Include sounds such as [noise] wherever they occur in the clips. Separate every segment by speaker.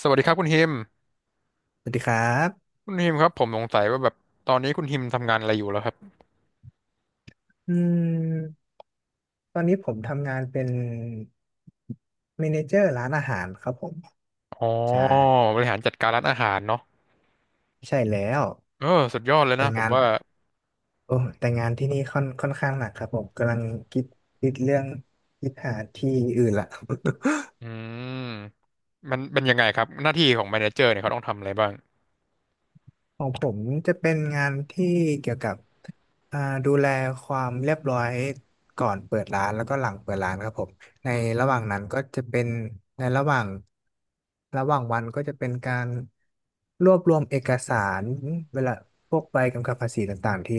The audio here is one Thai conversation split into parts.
Speaker 1: สวัสดีครับคุณฮิม
Speaker 2: สวัสดีครับ
Speaker 1: คุณฮิมครับผมสงสัยว่าแบบตอนนี้คุณฮิมทำงานอะไรอยู่แล้วครับ
Speaker 2: อืมตอนนี้ผมทำงานเป็นเมเนเจอร์ร้านอาหารครับผม
Speaker 1: อ๋อ
Speaker 2: ใช่
Speaker 1: บริหารจัดการร้านอาหารเนาะ
Speaker 2: ใช่แล้ว
Speaker 1: เออสุดยอดเลย
Speaker 2: แต่
Speaker 1: นะผม
Speaker 2: งาน
Speaker 1: ว่า
Speaker 2: โอ้แต่งานที่นี่ค่อนข้างหนักครับผมกำลังคิดคิดเรื่องคิดหาที่อื่นละ
Speaker 1: อืมมันเป็นยังไงครับหน้าที่ของแมเนเจอร์เนี่ยเขาต้องทำอะไรบ้าง
Speaker 2: [laughs] ของผมจะเป็นงานที่เกี่ยวกับอ่าดูแลความเรียบร้อยก่อนเปิดร้านแล้วก็หลังเปิดร้านครับผม ในระ
Speaker 1: อื
Speaker 2: ห
Speaker 1: ม
Speaker 2: ว่างนั้นก็จะเป็นในระหว่างวันก็จะเป็นการ รวบรวมเอกสารเวลาพวกใบกำกับภาษีต่างๆที่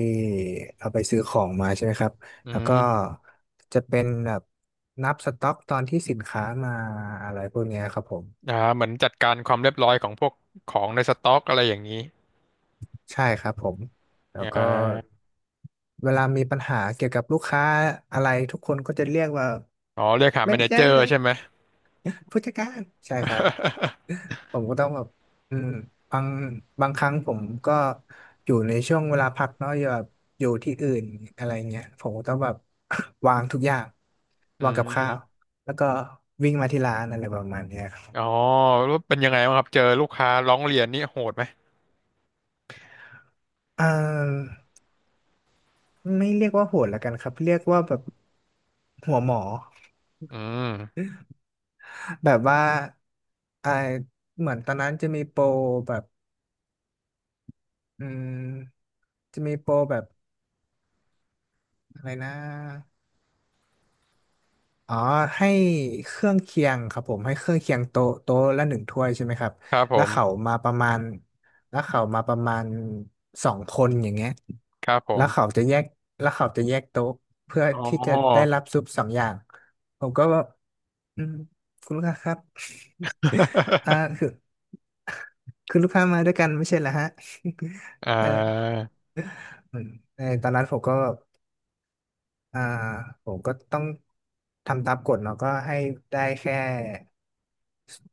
Speaker 2: เราไปซื้อของมาใช่ไหมครับ
Speaker 1: อื
Speaker 2: แล้วก็
Speaker 1: ม
Speaker 2: จะเป็นแบบนับสต็อกตอนที่สินค้ามาอะไรพวกเนี้ยครับผม
Speaker 1: เหมือนจัดการความเรียบร้อยของพวกของในสต็อกอะไรอย่างนี้
Speaker 2: ใช่ครับผม แล้
Speaker 1: อ่
Speaker 2: วก็
Speaker 1: า
Speaker 2: เวลามีปัญหาเกี่ยวกับลูกค้าอะไรทุกคนก็จะเรียกว่า
Speaker 1: อ๋อเรียกหา
Speaker 2: แม่
Speaker 1: แมเน
Speaker 2: ไเจอ
Speaker 1: เจอ
Speaker 2: ร์
Speaker 1: ร์ใช่ไหม
Speaker 2: ผู้จัดการใช่ครับ
Speaker 1: [laughs]
Speaker 2: ผมก็ต้องแบบอืมบางบางครั้งผมก็อยู่ในช่วงเวลาพักเนาะอย่าแบบอยู่ที่อื่นอะไรเงี้ยผมก็ต้องแบบ [coughs] [laughs] วางทุกอย่าง
Speaker 1: อื
Speaker 2: วางกับข้าว
Speaker 1: ม
Speaker 2: แล้วก็วิ่งมาที่ร้านอะไรประมาณเนี้ยครับ
Speaker 1: อ๋อแล้วเป็นยังไงบ้างครับเจอลูกค้าร้องเรียนนี่โหดไหม
Speaker 2: อ่าไม่เรียกว่าโหดละกันครับเรียกว่าแบบหัวหมอ
Speaker 1: อืม
Speaker 2: [laughs] แบบว่าอ่าเหมือนตอนนั้นจะมีโปรแบบอืมจะมีโปรแบบอะไรนะ อ๋อให้เครื่องเคียงครับผมให้เครื่องเคียงโต๊ะละหนึ่งถ้วยใช่ไหมครับ
Speaker 1: ครับผ
Speaker 2: แล้วเขา
Speaker 1: ม
Speaker 2: มาประมาณแล้วเขามาประมาณสองคนอย่างเงี้ย
Speaker 1: ครับผ
Speaker 2: แล้
Speaker 1: ม
Speaker 2: วเขาจะแยกแล้วเขาจะแยกโต๊ะเพื่อ
Speaker 1: อ๋อ
Speaker 2: ที่จะได้รับซุปสองอย่างผมก็ว่าอืมคุณลูกค้าครับ [laughs] อ่า
Speaker 1: [laughs]
Speaker 2: คือคือลูกค้ามาด้วยกันไม่ใช่เหรอฮะ
Speaker 1: อ่
Speaker 2: [laughs] เออ
Speaker 1: า
Speaker 2: เออตอนนั้นผมก็ อ่าผมก็ต้องทำตามกฎเนาะก็ให้ได้แค่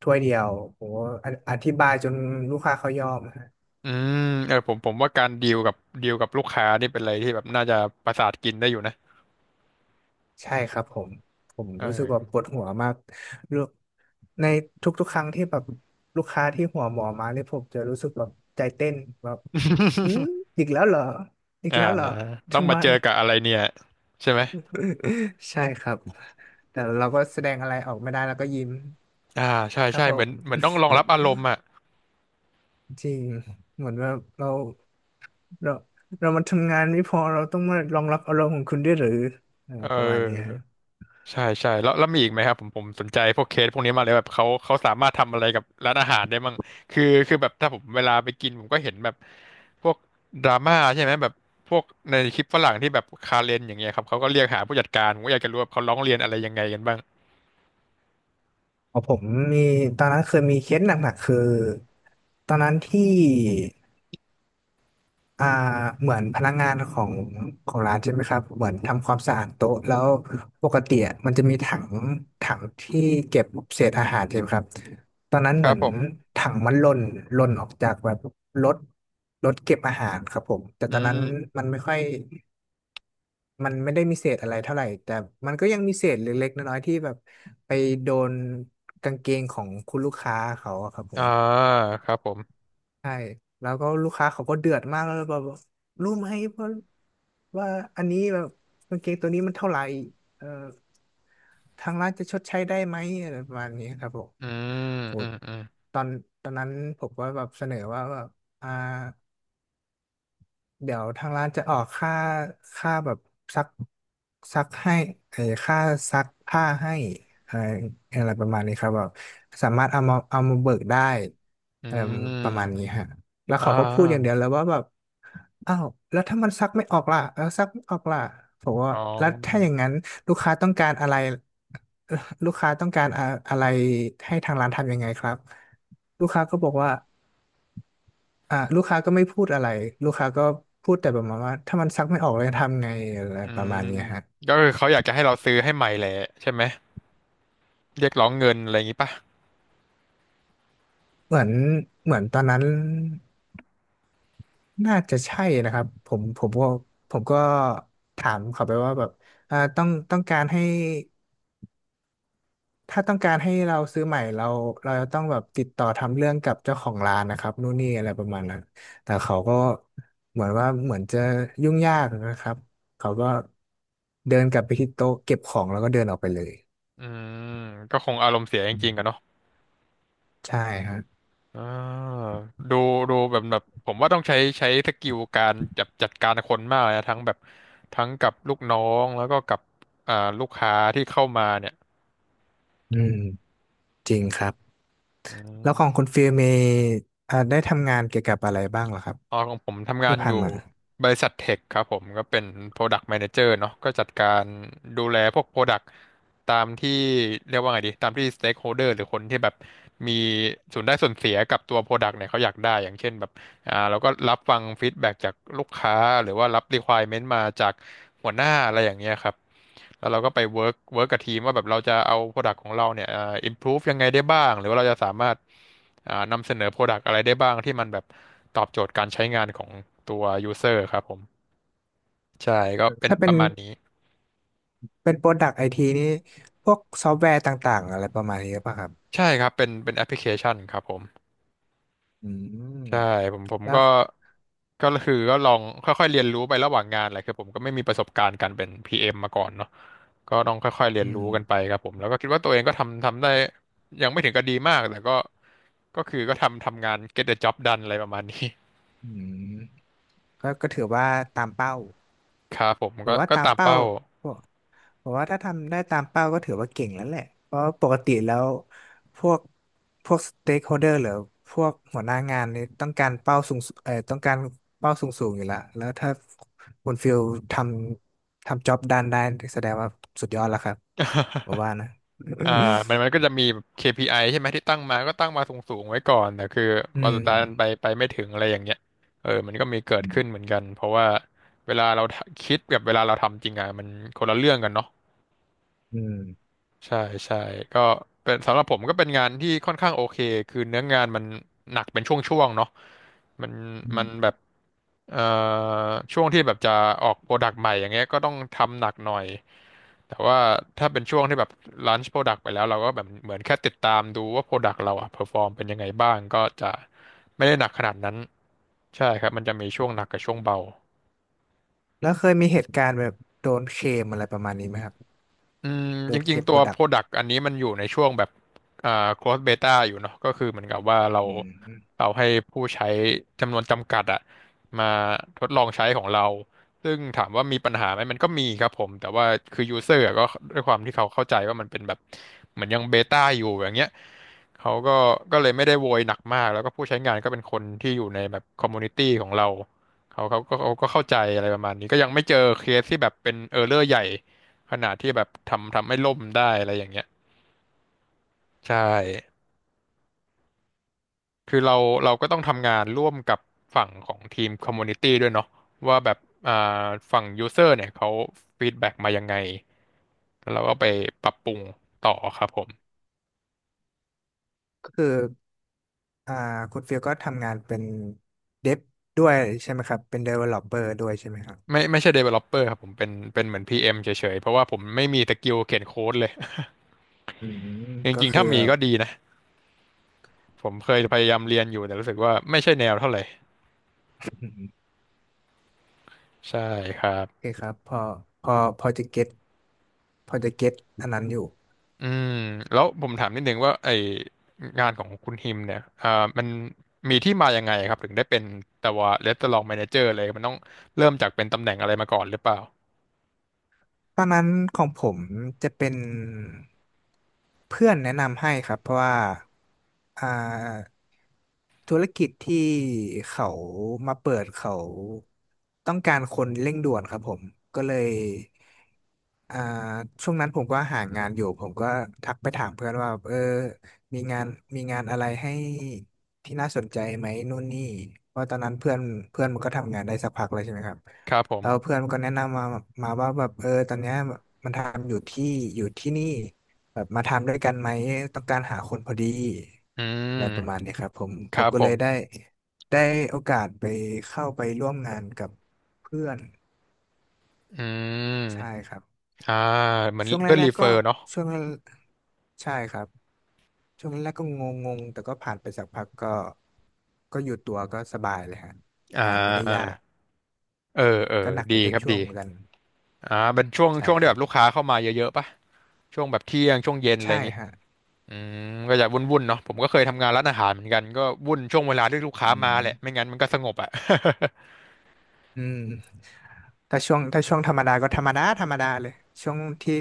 Speaker 2: ถ้วยเดียวโหออธิบายจนลูกค้าเขายอมฮะ
Speaker 1: อืมเออผมว่าการดีลกับดีลกับลูกค้านี่เป็นอะไรที่แบบน่าจะประสาทกินได้อยู่นะ
Speaker 2: ใช่ครับผมผม
Speaker 1: เอ
Speaker 2: รู้สึกว่าป
Speaker 1: อ
Speaker 2: วดหัวมากลูกในทุกๆครั้งที่แบบลูกค้าที่หัวหมอมาเนี่ยผมจะรู้สึกแบบใจเต้นแบบอืมอีกแล้วเหรออีก
Speaker 1: อ่า
Speaker 2: แล้วเหรอ
Speaker 1: ต้อง
Speaker 2: ทำ
Speaker 1: มา
Speaker 2: ไม
Speaker 1: เจอกับอะไรเนี่ยใช่ไหม
Speaker 2: [laughs] ใช่ครับแต่เราก็แสดงอะไรออกไม่ได้แล้วก็ยิ้ม
Speaker 1: อ่าใช่
Speaker 2: ครับ
Speaker 1: ใช่
Speaker 2: ผ
Speaker 1: เหมือ
Speaker 2: ม
Speaker 1: นเหมือนต้องรองรับอารมณ์อ่ะ
Speaker 2: [laughs] จริงเหมือนว่าเรา เราเรามาทำงานไม่พอเราต้องมารองรับอารมณ์ของคุณด้วยหรือเออ
Speaker 1: เออ
Speaker 2: ประมาณเนี้ยฮะ
Speaker 1: ใช่ใช่แล้วแล้วมีอีกไหมครับผมสนใจพวกเคสพวกนี้มากเลยแบบเขาเขาสามารถทำอะไรกับร้านอาหารได้มั่งคือคือแบบถ้าผมเวลาไปกินผมก็เห็นแบบพวกดราม่าใช่ไหมแบบพวกในคลิปฝรั่งที่แบบคาเรนอย่างเงี้ยครับเขาก็เรียกหาผู้จัดการผมก็อยากจะรู้ว่าเขาร้องเรียนอะไรยังไงกันบ้าง
Speaker 2: พอผมมีตอนนั้นเคยมีเคสหนักๆคือตอนนั้นที่อ่าเหมือนพนักงานของร้านใช่ไหมครับเหมือนทำความสะอาดโต๊ะแล้วปกติอะมันจะมีถังที่เก็บเศษอาหารใช่ไหมครับตอนนั้น
Speaker 1: ค
Speaker 2: เห
Speaker 1: รั
Speaker 2: มื
Speaker 1: บ
Speaker 2: อน
Speaker 1: ผม
Speaker 2: ถังมันหล่นออกจากแบบรถรถเก็บอาหารครับผมแต่
Speaker 1: อื
Speaker 2: ตอนนั้น
Speaker 1: ม
Speaker 2: มันไม่ค่อย มันไม่ได้มีเศษอะไรเท่าไหร่แต่มันก็ยังมีเศษเล็กๆน้อยๆที่แบบไปโดนกางเกงของคุณลูกค้าเขาอะครับผ
Speaker 1: อ่า
Speaker 2: ม
Speaker 1: ครับผม
Speaker 2: ใช่แล้วก็ลูกค้าเขาก็เดือดมากแล้วแบบว่ารู้ไหมว่าว่าอันนี้แบบกางเกงตัวนี้มันเท่าไหร่เออทางร้านจะชดใช้ได้ไหมอะไรประมาณนี้ครับผม
Speaker 1: อืม
Speaker 2: โห
Speaker 1: อืมอืม
Speaker 2: ตอนตอนนั้นผมก็แบบเสนอว่าแบบอ่า เดี๋ยวทางร้านจะออกค่าค่าแบบซักซักให้เออค่าซักผ้าให้เอออะไรประมาณนี้ครับแบบสามารถเอามาเบิกได้
Speaker 1: อื
Speaker 2: เออประมาณนี้
Speaker 1: ม
Speaker 2: ฮะแล้ว
Speaker 1: อ่
Speaker 2: เขาก็พูดอย่างเดียว
Speaker 1: า
Speaker 2: เลยว่าแบบอ้าวแล้วถ้ามันซักไม่ออกล่ะแล้วซักไม่ออกล่ะผมว่า
Speaker 1: อ๋อ
Speaker 2: แล้วถ้าอย่างนั้นลูกค้าต้องการอะไรลูกค้าต้องการอะอะไรให้ทางร้านทำยังไงครับลูกค้าก็บอกว่า อ่ะลูกค้าก็ไม่พูดอะไรลูกค้าก็พูดแต่ประมาณว่าถ้ามันซักไม่ออกเลยทำไงอะไร
Speaker 1: อื
Speaker 2: ประมาณ
Speaker 1: ม
Speaker 2: เนี้ยฮะ
Speaker 1: ก็คือเขาอยากจะให้เราซื้อให้ใหม่แหละใช่ไหมเรียกร้องเงินอะไรอย่างงี้ปะ
Speaker 2: เหมือนเหมือนตอนนั้นน่าจะใช่นะครับผมก็ถามเขาไปว่าแบบต้องการให้ถ้าต้องการให้เราซื้อใหม่เราจะต้องแบบติดต่อทำเรื่องกับเจ้าของร้านนะครับนู่นนี่อะไรประมาณนั้นแต่เขาก็เหมือนจะยุ่งยากนะครับเขาก็เดินกลับไปที่โต๊ะเก็บของแล้วก็เดินออกไปเลย
Speaker 1: อืมก็คงอารมณ์เสียจริงๆกันเนาะ
Speaker 2: ใช่ครับ
Speaker 1: อ่าดูดูแบบแบบผมว่าต้องใช้ใช้สกิลการจัดจัดการคนมากเลยนะทั้งแบบทั้งกับลูกน้องแล้วก็กับอ่าลูกค้าที่เข้ามาเนี่ย
Speaker 2: อืมจริงครับ
Speaker 1: อื
Speaker 2: แล้วของ
Speaker 1: ม
Speaker 2: คุณฟิลมีได้ทำงานเกี่ยวกับอะไรบ้างเหรอครับ
Speaker 1: อ๋อของผมทำงา
Speaker 2: ที่
Speaker 1: นอ
Speaker 2: ผ่า
Speaker 1: ยู่
Speaker 2: นมา
Speaker 1: บริษัทเทคครับผมก็เป็น Product Manager เนาะก็จัดการดูแลพวก Product ตามที่เรียกว่าไงดีตามที่ Stakeholder หรือคนที่แบบมีส่วนได้ส่วนเสียกับตัว Product เนี่ยเขาอยากได้อย่างเช่นแบบเราก็รับฟังฟีดแบ็กจากลูกค้าหรือว่ารับ Requirement มาจากหัวหน้าอะไรอย่างเงี้ยครับแล้วเราก็ไป work กับทีมว่าแบบเราจะเอา Product ของเราเนี่ยimprove ยังไงได้บ้างหรือว่าเราจะสามารถ นำเสนอ Product อะไรได้บ้างที่มันแบบตอบโจทย์การใช้งานของตัว User ครับผมใช่ก็เป็น
Speaker 2: ถ้าเป็
Speaker 1: ป
Speaker 2: น
Speaker 1: ระมาณนี้
Speaker 2: เป็นโปรดักต์ไอทีนี่พวกซอฟต์แวร์ต่างๆอะไรประมาณนี้หรือเปล่ะครับ
Speaker 1: ใช่ครับเป็นแอปพลิเคชันครับผม
Speaker 2: อืม
Speaker 1: ใช่ผมผม
Speaker 2: แล้
Speaker 1: ก็
Speaker 2: ว
Speaker 1: ก็คือก็ลองค่อยๆเรียนรู้ไประหว่างงานแหละคือผมก็ไม่มีประสบการณ์การเป็น PM มมาก่อนเนาะก็ต้องค่อยๆเรี
Speaker 2: อื
Speaker 1: ยนรู้
Speaker 2: ม
Speaker 1: กันไปครับผมแล้วก็คิดว่าตัวเองก็ทำทำได้ยังไม่ถึงกับดีมากแต่ก็ก็คือก็ทำทำงาน get the job done อะไรประมาณนี้
Speaker 2: อืมก็ถือว่าตามเป้า
Speaker 1: [laughs] ครับผม
Speaker 2: บอ
Speaker 1: ก็
Speaker 2: กว่า
Speaker 1: ก็
Speaker 2: ตาม
Speaker 1: ตาม
Speaker 2: เป้า
Speaker 1: เป้า
Speaker 2: ผมว่าถ้าทำได้ตามเป้าก็ถือว่าเก่งแล้วแหละ เพราะปกติแล้วพวกพวกสเต็กโฮเดอร์หรือพวกหัวหน้างานนี่ต้องการเป้าสูงต้องการเป้าสูงอยู่ละแล้วถ้าคุณฟิลททำจ็อบด้านได้แสดงว่าสุดยอดแล้วครับผมว่านะ
Speaker 1: อ่ามันมัน
Speaker 2: [coughs]
Speaker 1: ก็จะมีแบบ KPI ใช่ไหมที่ตั้งมาก็ตั้งมาสูงๆไว้ก่อนแต่คือ
Speaker 2: [laughs] อื
Speaker 1: วัน
Speaker 2: ม
Speaker 1: สุดท้ายมันไปไปไม่ถึงอะไรอย่างเงี้ยเออมันก็มีเกิด
Speaker 2: อื
Speaker 1: ขึ้นเห
Speaker 2: ม
Speaker 1: มือนกันเพราะว่าเวลาเราทะคิดกับเวลาเราทำจริงอ่ะมันคนละเรื่องกันเนาะ
Speaker 2: อืม
Speaker 1: ใช่ใช่ก็เป็นสำหรับผมก็เป็นงานที่ค่อนข้างโอเคคือเนื้องานมันหนักเป็นช่วงๆเนาะมัน
Speaker 2: อื
Speaker 1: มันแบ
Speaker 2: ม
Speaker 1: บเอ่อช่วงที่แบบจะออกโปรดักต์ใหม่อย่างเงี้ยก็ต้องทำหนักหน่อยแต่ว่าถ้าเป็นช่วงที่แบบลันช์โปรดักต์ไปแล้วเราก็แบบเหมือนแค่ติดตามดูว่าโปรดักต์เราอะเพอร์ฟอร์มเป็นยังไงบ้างก็จะไม่ได้หนักขนาดนั้นใช่ครับมันจะมีช่วงหนักกับช่วงเบา
Speaker 2: แล้วเคยมีเหตุการณ์แบบโดนเคลมอะไรประมาณนี้ไหมครับ
Speaker 1: อืม
Speaker 2: โด
Speaker 1: จ
Speaker 2: นเค
Speaker 1: ริ
Speaker 2: ล
Speaker 1: ง
Speaker 2: ม
Speaker 1: ๆตั
Speaker 2: โป
Speaker 1: ว
Speaker 2: รดักต์
Speaker 1: Product อันนี้มันอยู่ในช่วงแบบอ่า closed beta อยู่เนาะก็คือเหมือนกับว่าเรา
Speaker 2: อืม
Speaker 1: เราให้ผู้ใช้จำนวนจำกัดอะมาทดลองใช้ของเราซึ่งถามว่ามีปัญหาไหมมันก็มีครับผมแต่ว่าคือ user อะก็ด้วยความที่เขาเข้าใจว่ามันเป็นแบบเหมือนยังเบต้าอยู่อย่างเงี้ยเขาก็ก็เลยไม่ได้โวยหนักมากแล้วก็ผู้ใช้งานก็เป็นคนที่อยู่ในแบบคอมมูนิตี้ของเราเขาก็เข้าใจอะไรประมาณนี้ก็ยังไม่เจอเคสที่แบบเป็นเออร์เรอร์ใหญ่ ขนาดที่แบบทำทำให้ล่มได้อะไรอย่างเงี้ยใช่คือเราเราก็ต้องทำงานร่วมกับฝั่งของทีมคอมมูนิตี้ด้วยเนาะว่าแบบอ่าฝั่งยูเซอร์เนี่ยเขาฟีดแบ็กมายังไงแล้วเราก็ไปปรับปรุงต่อครับผม
Speaker 2: ก็คือ อ่าคุณฟิลก็ทำงานเป็นเดฟด้วยใช่ไหมครับเป็น developer ด้วยใช่ไหมครับ
Speaker 1: ไม่ใช่ developer ครับผมเป็นเหมือน PM เอ็มเฉยๆเพราะว่าผมไม่มีสกิลเขียนโค้ดเลย
Speaker 2: อืม
Speaker 1: [laughs] จ
Speaker 2: ก็
Speaker 1: ริงๆ
Speaker 2: คือ
Speaker 1: ถ้ามีก็ดีนะผมเคยพยายามเรียนอยู่แต่รู้สึกว่าไม่ใช่แนวเท่าไหร่
Speaker 2: [clears throat]
Speaker 1: ใช่ครับ
Speaker 2: โอเคครับพอพอจะเก็ตพอจะเก็ตอันนั้นอยู่
Speaker 1: อืมแล้วผมถามนิดนึงว่าไองานของคุณฮิมเนี่ยมันมีที่มายังไงครับถึงได้เป็นแต่ว่าเรส t ต u ร a องแมเนเจอร์เลยมันต้องเริ่มจากเป็นตำแหน่งอะไรมาก่อนหรือเปล่า
Speaker 2: ตอนนั้นของผมจะเป็นเพื่อนแนะนำให้ครับเพราะว่าอ่าธุรกิจที่เขามาเปิดเขาต้องการคนเร่งด่วนครับผมก็เลยอ่าช่วงนั้นผมก็หางานอยู่ผมก็ทักไปถามเพื่อนว่าเออมีงานมีงานอะไรให้ที่น่าสนใจไหมนู่นนี่เพราะตอนนั้นเพื่อนเพื่อนมันก็ทำงานได้สักพักแล้วใช่ไหมครับ
Speaker 1: ครับผ
Speaker 2: แล้ว
Speaker 1: ม
Speaker 2: เพื่อนก็แนะนำมาว่าแบบเออตอนเนี้ยมันทำอยู่ที่อยู่ที่นี่แบบมาทำด้วยกันไหมต้องการหาคนพอดี
Speaker 1: อืม
Speaker 2: อะไรประมาณนี้ครับผม
Speaker 1: ค
Speaker 2: ผ
Speaker 1: รั
Speaker 2: ม
Speaker 1: บ
Speaker 2: ก็
Speaker 1: ผ
Speaker 2: เลย
Speaker 1: ม
Speaker 2: ได้ได้โอกาสไปเข้าไปร่วมงานกับเพื่อน
Speaker 1: อืม
Speaker 2: ใช่ครับ
Speaker 1: อ่าเหมือน
Speaker 2: ช่วงแร
Speaker 1: เพื่อนรี
Speaker 2: ก
Speaker 1: เฟ
Speaker 2: ๆ
Speaker 1: อ
Speaker 2: ก็
Speaker 1: ร์เนาะ
Speaker 2: ช่วงแรกใช่ครับช่วงแรกๆก็งงๆแต่ก็ผ่านไปสักพักก็ก็อยู่ตัวก็สบายเลยฮะ
Speaker 1: อ่
Speaker 2: งานไม่ได้ยา
Speaker 1: า
Speaker 2: ก
Speaker 1: เออเออ
Speaker 2: ก็หนัก
Speaker 1: ดี
Speaker 2: เป็น
Speaker 1: ครับ
Speaker 2: ช่
Speaker 1: ดี
Speaker 2: วงๆเหมือนกัน
Speaker 1: เป็นช่วง
Speaker 2: ใช่
Speaker 1: ช่วง
Speaker 2: ค
Speaker 1: ที่
Speaker 2: รั
Speaker 1: แบ
Speaker 2: บ
Speaker 1: บลูกค้าเข้ามาเยอะๆป่ะช่วงแบบเที่ยงช่วงเย็นอะไรอ
Speaker 2: ใช่
Speaker 1: ย่างงี้
Speaker 2: ฮะ
Speaker 1: อืมก็อย่าวุ่นๆเนาะผมก็เคยทำงานร้านอาหารเหมือนกันก็วุ่นช่วงเวลาที่ลูกค้า
Speaker 2: อื
Speaker 1: มาแหละไม่
Speaker 2: ม
Speaker 1: งั้นมันก็สงบอ่ะ
Speaker 2: อืมถ้าช่วงธรรมดาก็ธรรมดาเลยช่วงที่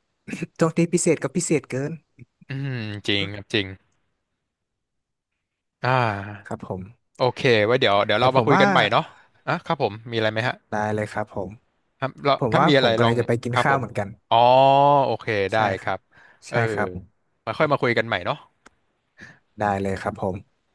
Speaker 2: [coughs] ช่วงที่พิเศษก็พิเศษเกิน
Speaker 1: [laughs] อืมจริงครับจริงอ่
Speaker 2: ค
Speaker 1: า
Speaker 2: รับผม
Speaker 1: โอเคไว้เดี๋ยวเดี๋ยว
Speaker 2: แต่
Speaker 1: เรา
Speaker 2: ผ
Speaker 1: มา
Speaker 2: ม
Speaker 1: คุย
Speaker 2: ว่า
Speaker 1: กันใหม่เนาะอ่ะครับผมมีอะไรไหมฮะ
Speaker 2: ได้เลยครับผม
Speaker 1: ครับเรา
Speaker 2: ผม
Speaker 1: ถ้า
Speaker 2: ว่า
Speaker 1: มี
Speaker 2: ผ
Speaker 1: อะไร
Speaker 2: ม
Speaker 1: ล
Speaker 2: กำ
Speaker 1: อ
Speaker 2: ลัง
Speaker 1: ง
Speaker 2: จะไปกิน
Speaker 1: ครับผ
Speaker 2: ข้าว
Speaker 1: ม
Speaker 2: เหมือนกัน
Speaker 1: อ๋อโอเคได้
Speaker 2: ใช่ค
Speaker 1: ค
Speaker 2: รั
Speaker 1: รั
Speaker 2: บ
Speaker 1: บเออ
Speaker 2: ใช่ครับ
Speaker 1: มาค่อยมาคุยกันใหม่เนาะ
Speaker 2: ได้เลยครับผม